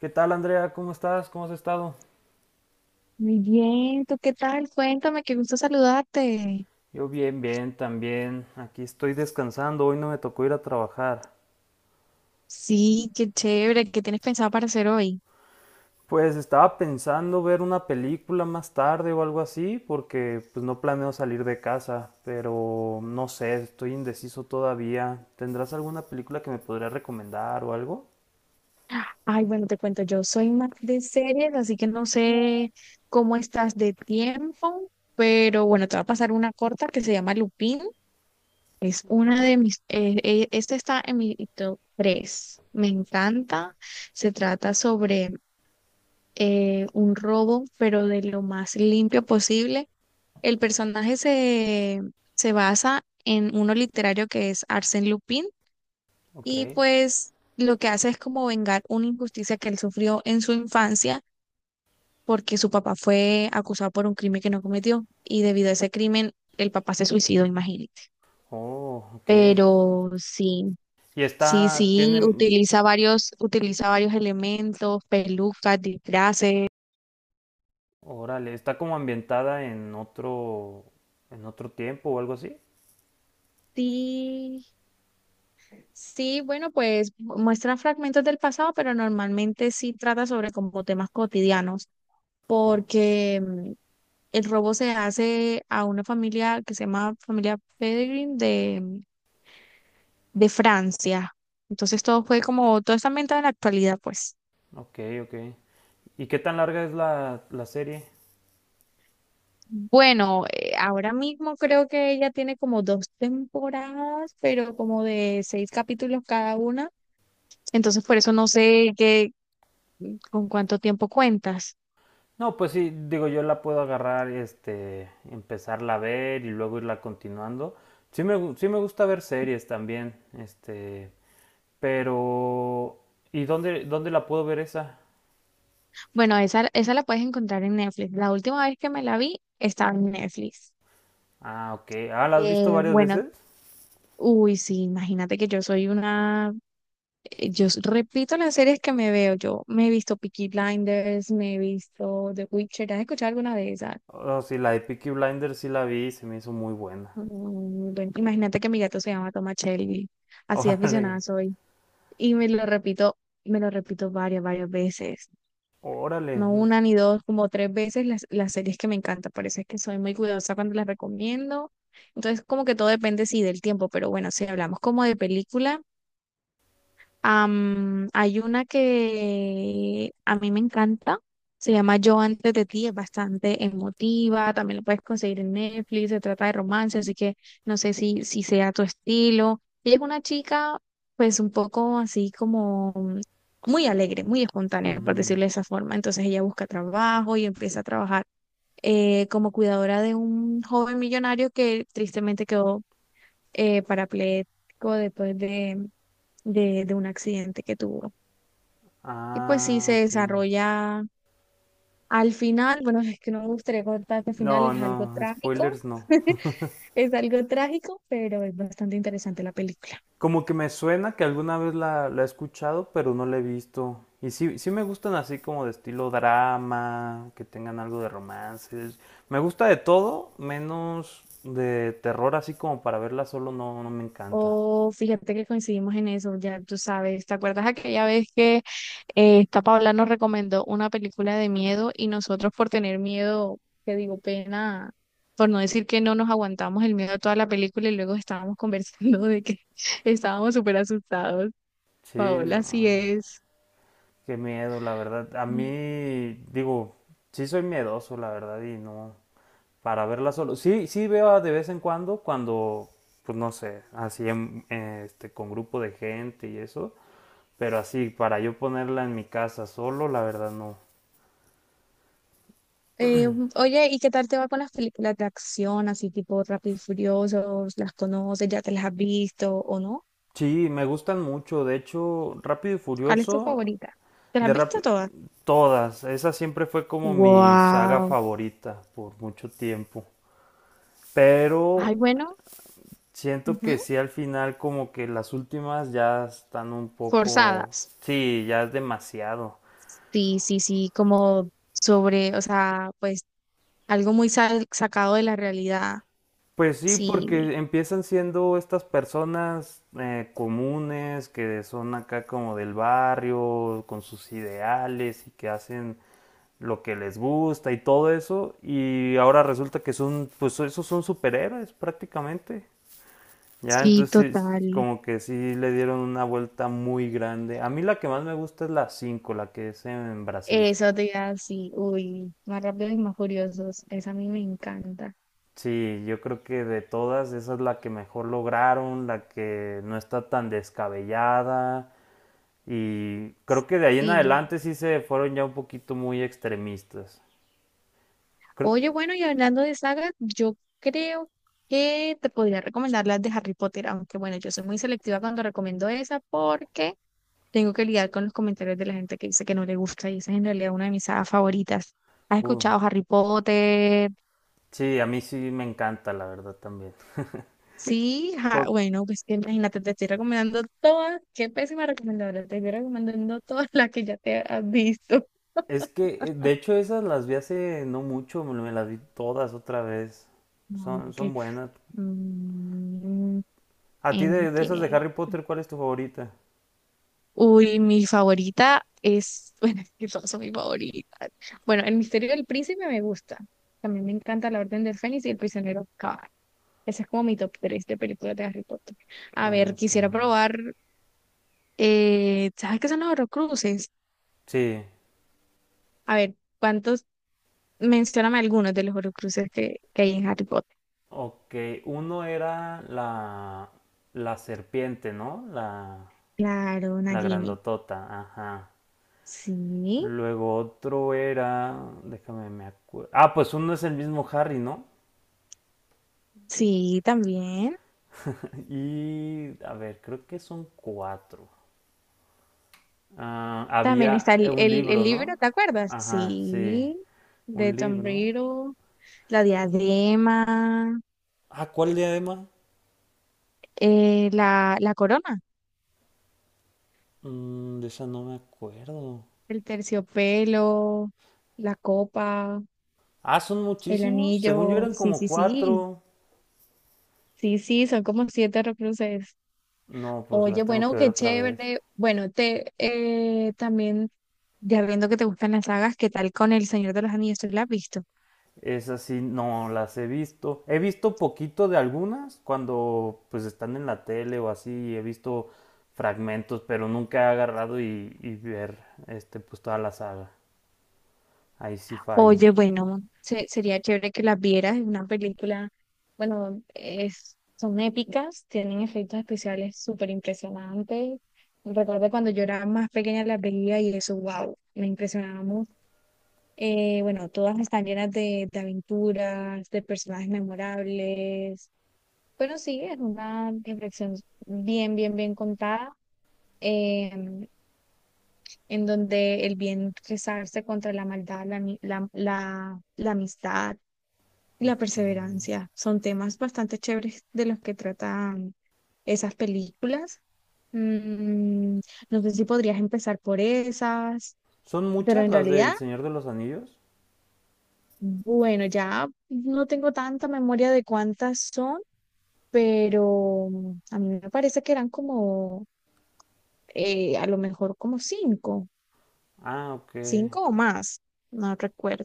¿Qué tal, Andrea? ¿Cómo estás? ¿Cómo has estado? Muy bien, ¿tú qué tal? Cuéntame, qué gusto saludarte. Yo bien, bien, también. Aquí estoy descansando. Hoy no me tocó ir a trabajar. Sí, qué chévere, ¿qué tienes pensado para hacer hoy? Pues estaba pensando ver una película más tarde o algo así, porque pues no planeo salir de casa, pero no sé, estoy indeciso todavía. ¿Tendrás alguna película que me podrías recomendar o algo? Ay, bueno, te cuento, yo soy más de series, así que no sé cómo estás de tiempo, pero bueno, te va a pasar una corta que se llama Lupin. Es una de esta está en mi top tres. Me encanta. Se trata sobre un robo, pero de lo más limpio posible. El personaje se basa en uno literario que es Arsène Lupin, Ok. y pues lo que hace es como vengar una injusticia que él sufrió en su infancia porque su papá fue acusado por un crimen que no cometió y debido a ese crimen el papá se suicidó, imagínate. Oh, ok. Pero sí, Y sí, está, sí, tiene, utiliza varios elementos, pelucas, disfraces. órale, está como ambientada en otro tiempo o algo así. Sí, sí, bueno, pues muestra fragmentos del pasado, pero normalmente sí trata sobre como temas cotidianos, Oh, porque el robo se hace a una familia que se llama familia Pellegrin de Francia. Entonces todo fue como, todo está ambientado en la actualidad, pues. ok, ok. ¿Y qué tan larga es la serie? Bueno, ahora mismo creo que ella tiene como dos temporadas, pero como de seis capítulos cada una. Entonces por eso no sé qué, con cuánto tiempo cuentas. No, pues sí, digo, yo la puedo agarrar, este, empezarla a ver y luego irla continuando. Sí me gusta ver series también, este, pero... ¿Y dónde la puedo ver esa? Bueno, esa la puedes encontrar en Netflix. La última vez que me la vi estaba en Netflix. Ah, ok. Ah, ¿la has visto varias Bueno, veces? uy, sí, imagínate que yo soy una, repito las series que me veo. Yo me he visto Peaky Blinders, me he visto The Witcher. ¿Has escuchado alguna de esas? Oh, sí, la de Peaky Blinders sí la vi y se me hizo muy buena. Bueno, imagínate que mi gato se llama Toma Shelby. Así de Órale, aficionada soy. Y me lo repito varias, varias veces. órale. No una ni dos, como tres veces las series que me encantan. Por eso es que soy muy cuidadosa cuando las recomiendo. Entonces, como que todo depende, sí, del tiempo, pero bueno, si hablamos como de película. Hay una que a mí me encanta, se llama Yo antes de ti, es bastante emotiva, también la puedes conseguir en Netflix, se trata de romance, así que no sé si sea tu estilo. Ella es una chica, pues un poco así como muy alegre, muy espontánea, por Ujú. decirlo de esa forma. Entonces ella busca trabajo y empieza a trabajar como cuidadora de un joven millonario que tristemente quedó parapléjico después de un accidente que tuvo. Y pues sí, Ah, se ok. desarrolla al final, bueno, es que no me gustaría contar que al final No, es algo no, trágico, spoilers no. es algo trágico, pero es bastante interesante la película. Como que me suena que alguna vez la he escuchado, pero no la he visto. Y sí, sí me gustan así como de estilo drama, que tengan algo de romances. Me gusta de todo, menos de terror, así como para verla solo no, no me encanta. Oh, fíjate que coincidimos en eso, ya tú sabes, ¿te acuerdas aquella vez que esta Paula nos recomendó una película de miedo y nosotros por tener miedo, te digo, pena, por no decir que no nos aguantamos el miedo a toda la película y luego estábamos conversando de que estábamos súper asustados. Sí, Paola, así no. es. Qué miedo, la verdad. A mí, digo, sí soy miedoso, la verdad, y no. Para verla solo. Sí, sí veo de vez en cuando, pues no sé, este, con grupo de gente y eso. Pero así, para yo ponerla en mi casa solo, la verdad no. Eh, Oye, ¿y qué tal te va con las películas de acción, así tipo Rápido y Furiosos? ¿Las conoces? ¿Ya te las has visto o no? Sí, me gustan mucho. De hecho, Rápido y ¿Cuál es tu Furioso, favorita? ¿Te las has de visto Rápido... todas? todas. Esa siempre fue como mi saga Wow. favorita por mucho tiempo. Pero Ay, bueno, siento que ujú, sí al final como que las últimas ya están un poco... forzadas. Sí, ya es demasiado. Sí, sí, sí, como sobre, o sea, pues algo muy sal- sacado de la realidad. Pues sí, Sí, porque empiezan siendo estas personas comunes que son acá como del barrio, con sus ideales y que hacen lo que les gusta y todo eso, y ahora resulta que son, pues esos son superhéroes prácticamente. Ya, sí, entonces total. como que sí le dieron una vuelta muy grande. A mí la que más me gusta es la 5, la que es en Brasil. Eso te iba a decir, uy, más rápido y más furiosos. Esa a mí me encanta. Sí, yo creo que de todas, esa es la que mejor lograron, la que no está tan descabellada. Y creo que de ahí en Sí. adelante sí se fueron ya un poquito muy extremistas. Creo- Oye, bueno, y hablando de sagas, yo creo que te podría recomendar las de Harry Potter, aunque bueno, yo soy muy selectiva cuando recomiendo esa porque tengo que lidiar con los comentarios de la gente que dice que no le gusta y esa es en realidad una de mis sagas favoritas. ¿Has uh, escuchado Harry Potter? sí, a mí sí me encanta, la verdad también. Sí, Cu- bueno, pues que imagínate, te estoy recomendando todas, qué pésima recomendadora, te estoy recomendando todas las que ya te has visto. Es que, de hecho, esas las vi hace no mucho, me las vi todas otra vez. Son, son Aunque, buenas. mm, A ti de esas de entiendo. Harry Potter, ¿cuál es tu favorita? Uy, mi favorita es, bueno, es que todas son mis favoritas. Bueno, El Misterio del Príncipe me gusta. También me encanta La Orden del Fénix y El Prisionero Cabal. Ese es como mi top 3 de películas de Harry Potter. A ver, Ok. quisiera probar, ¿sabes qué son los Horrocruces? Sí. A ver, ¿cuántos? Mencióname algunos de los Horrocruces que hay en Harry Potter. Ok, uno era la serpiente, ¿no? La, Claro, la Nagini. grandotota, ajá. Sí, Luego otro era, déjame me acuerdo. Ah, pues uno es el mismo Harry, ¿no? sí, también. Y a ver, creo que son cuatro. Ah, También había está el, un el, libro, el libro, ¿no? ¿te acuerdas? Ajá, sí, Sí, de un Tom libro. Riddle. La diadema, Ah, ¿cuál diadema? La corona, Mm, de esa no me acuerdo. el terciopelo, la copa, Ah, son el muchísimos. Según yo anillo. eran Sí, como sí, sí. cuatro. Sí, sí, son como siete recluses. No, pues Oye, las tengo que bueno, ver qué otra vez. chévere. Bueno, te también, ya viendo que te gustan las sagas, ¿qué tal con El Señor de los Anillos? ¿Tú la has visto? Esas sí no las he visto. He visto poquito de algunas cuando pues están en la tele o así. He visto fragmentos, pero nunca he agarrado y ver este pues toda la saga. Ahí sí fallo. Oye, bueno, sería chévere que las vieras. Es una película, bueno, es, son épicas, tienen efectos especiales súper impresionantes. Recuerdo cuando yo era más pequeña las veía y eso, wow, me impresionaba mucho. Bueno, todas están llenas de aventuras, de personajes memorables. Pero sí, es una reflexión bien, bien, bien contada. em, en donde el bien rezarse contra la maldad, la amistad y la Okay. perseverancia. Son temas bastante chéveres de los que tratan esas películas. Mm, no sé si podrías empezar por esas, ¿Son pero muchas en las realidad, del Señor de los Anillos? bueno, ya no tengo tanta memoria de cuántas son, pero a mí me parece que eran como, a lo mejor como cinco, Ah, ok. cinco o más, no recuerdo.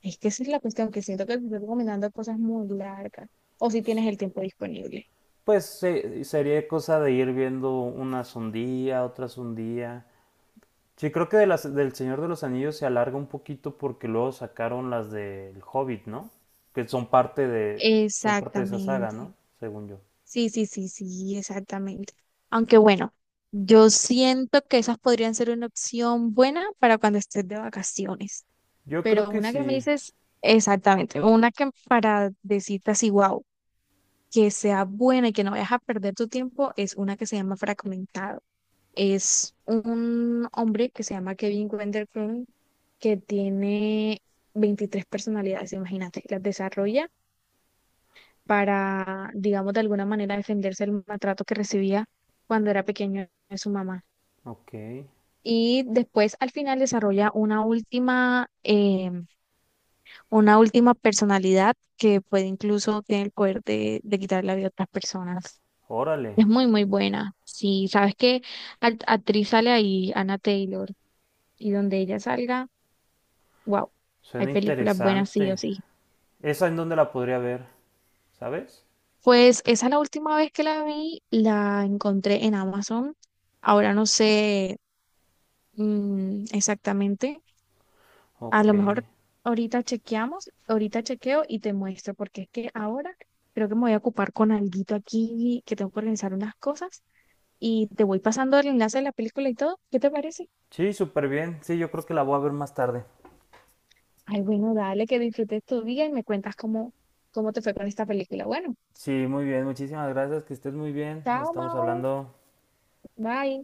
Es que esa es la cuestión, que siento que te estoy recomendando cosas muy largas, o si tienes el tiempo disponible. Pues sería cosa de ir viendo unas un día, otras un día. Sí, creo que del Señor de los Anillos se alarga un poquito porque luego sacaron las del Hobbit, ¿no? Que son parte de esa saga, Exactamente. ¿no? Según yo. Sí, sí, sí, sí, exactamente. Aunque bueno, yo siento que esas podrían ser una opción buena para cuando estés de vacaciones. Yo creo Pero que una que me sí. dices, exactamente, una que para decirte así, wow, que sea buena y que no vayas a perder tu tiempo, es una que se llama Fragmentado. Es un hombre que se llama Kevin Wender Crumb, que tiene 23 personalidades, imagínate, las desarrolla para, digamos, de alguna manera defenderse del maltrato que recibía cuando era pequeño de su mamá. Ok. Y después al final desarrolla una última personalidad que puede incluso tener el poder de quitar la vida a otras personas. Órale. Es muy, muy buena. Sí, sabes que actriz sale ahí, Anna Taylor, y donde ella salga, wow, hay Suena películas buenas sí o interesante. sí. ¿Esa en dónde la podría ver? ¿Sabes? Pues esa es la última vez que la vi, la encontré en Amazon. Ahora no sé. Mm, exactamente. A Ok. lo mejor ahorita chequeamos, ahorita chequeo y te muestro, porque es que ahora creo que me voy a ocupar con alguito aquí, que tengo que organizar unas cosas y te voy pasando el enlace de la película y todo. ¿Qué te parece? Sí, súper bien. Sí, yo creo que la voy a ver más tarde. Ay, bueno, dale, que disfrutes tu día y me cuentas cómo, cómo te fue con esta película. Bueno, Sí, muy bien. Muchísimas gracias. Que estés muy bien. Nos chao, estamos Mau. hablando. Bye.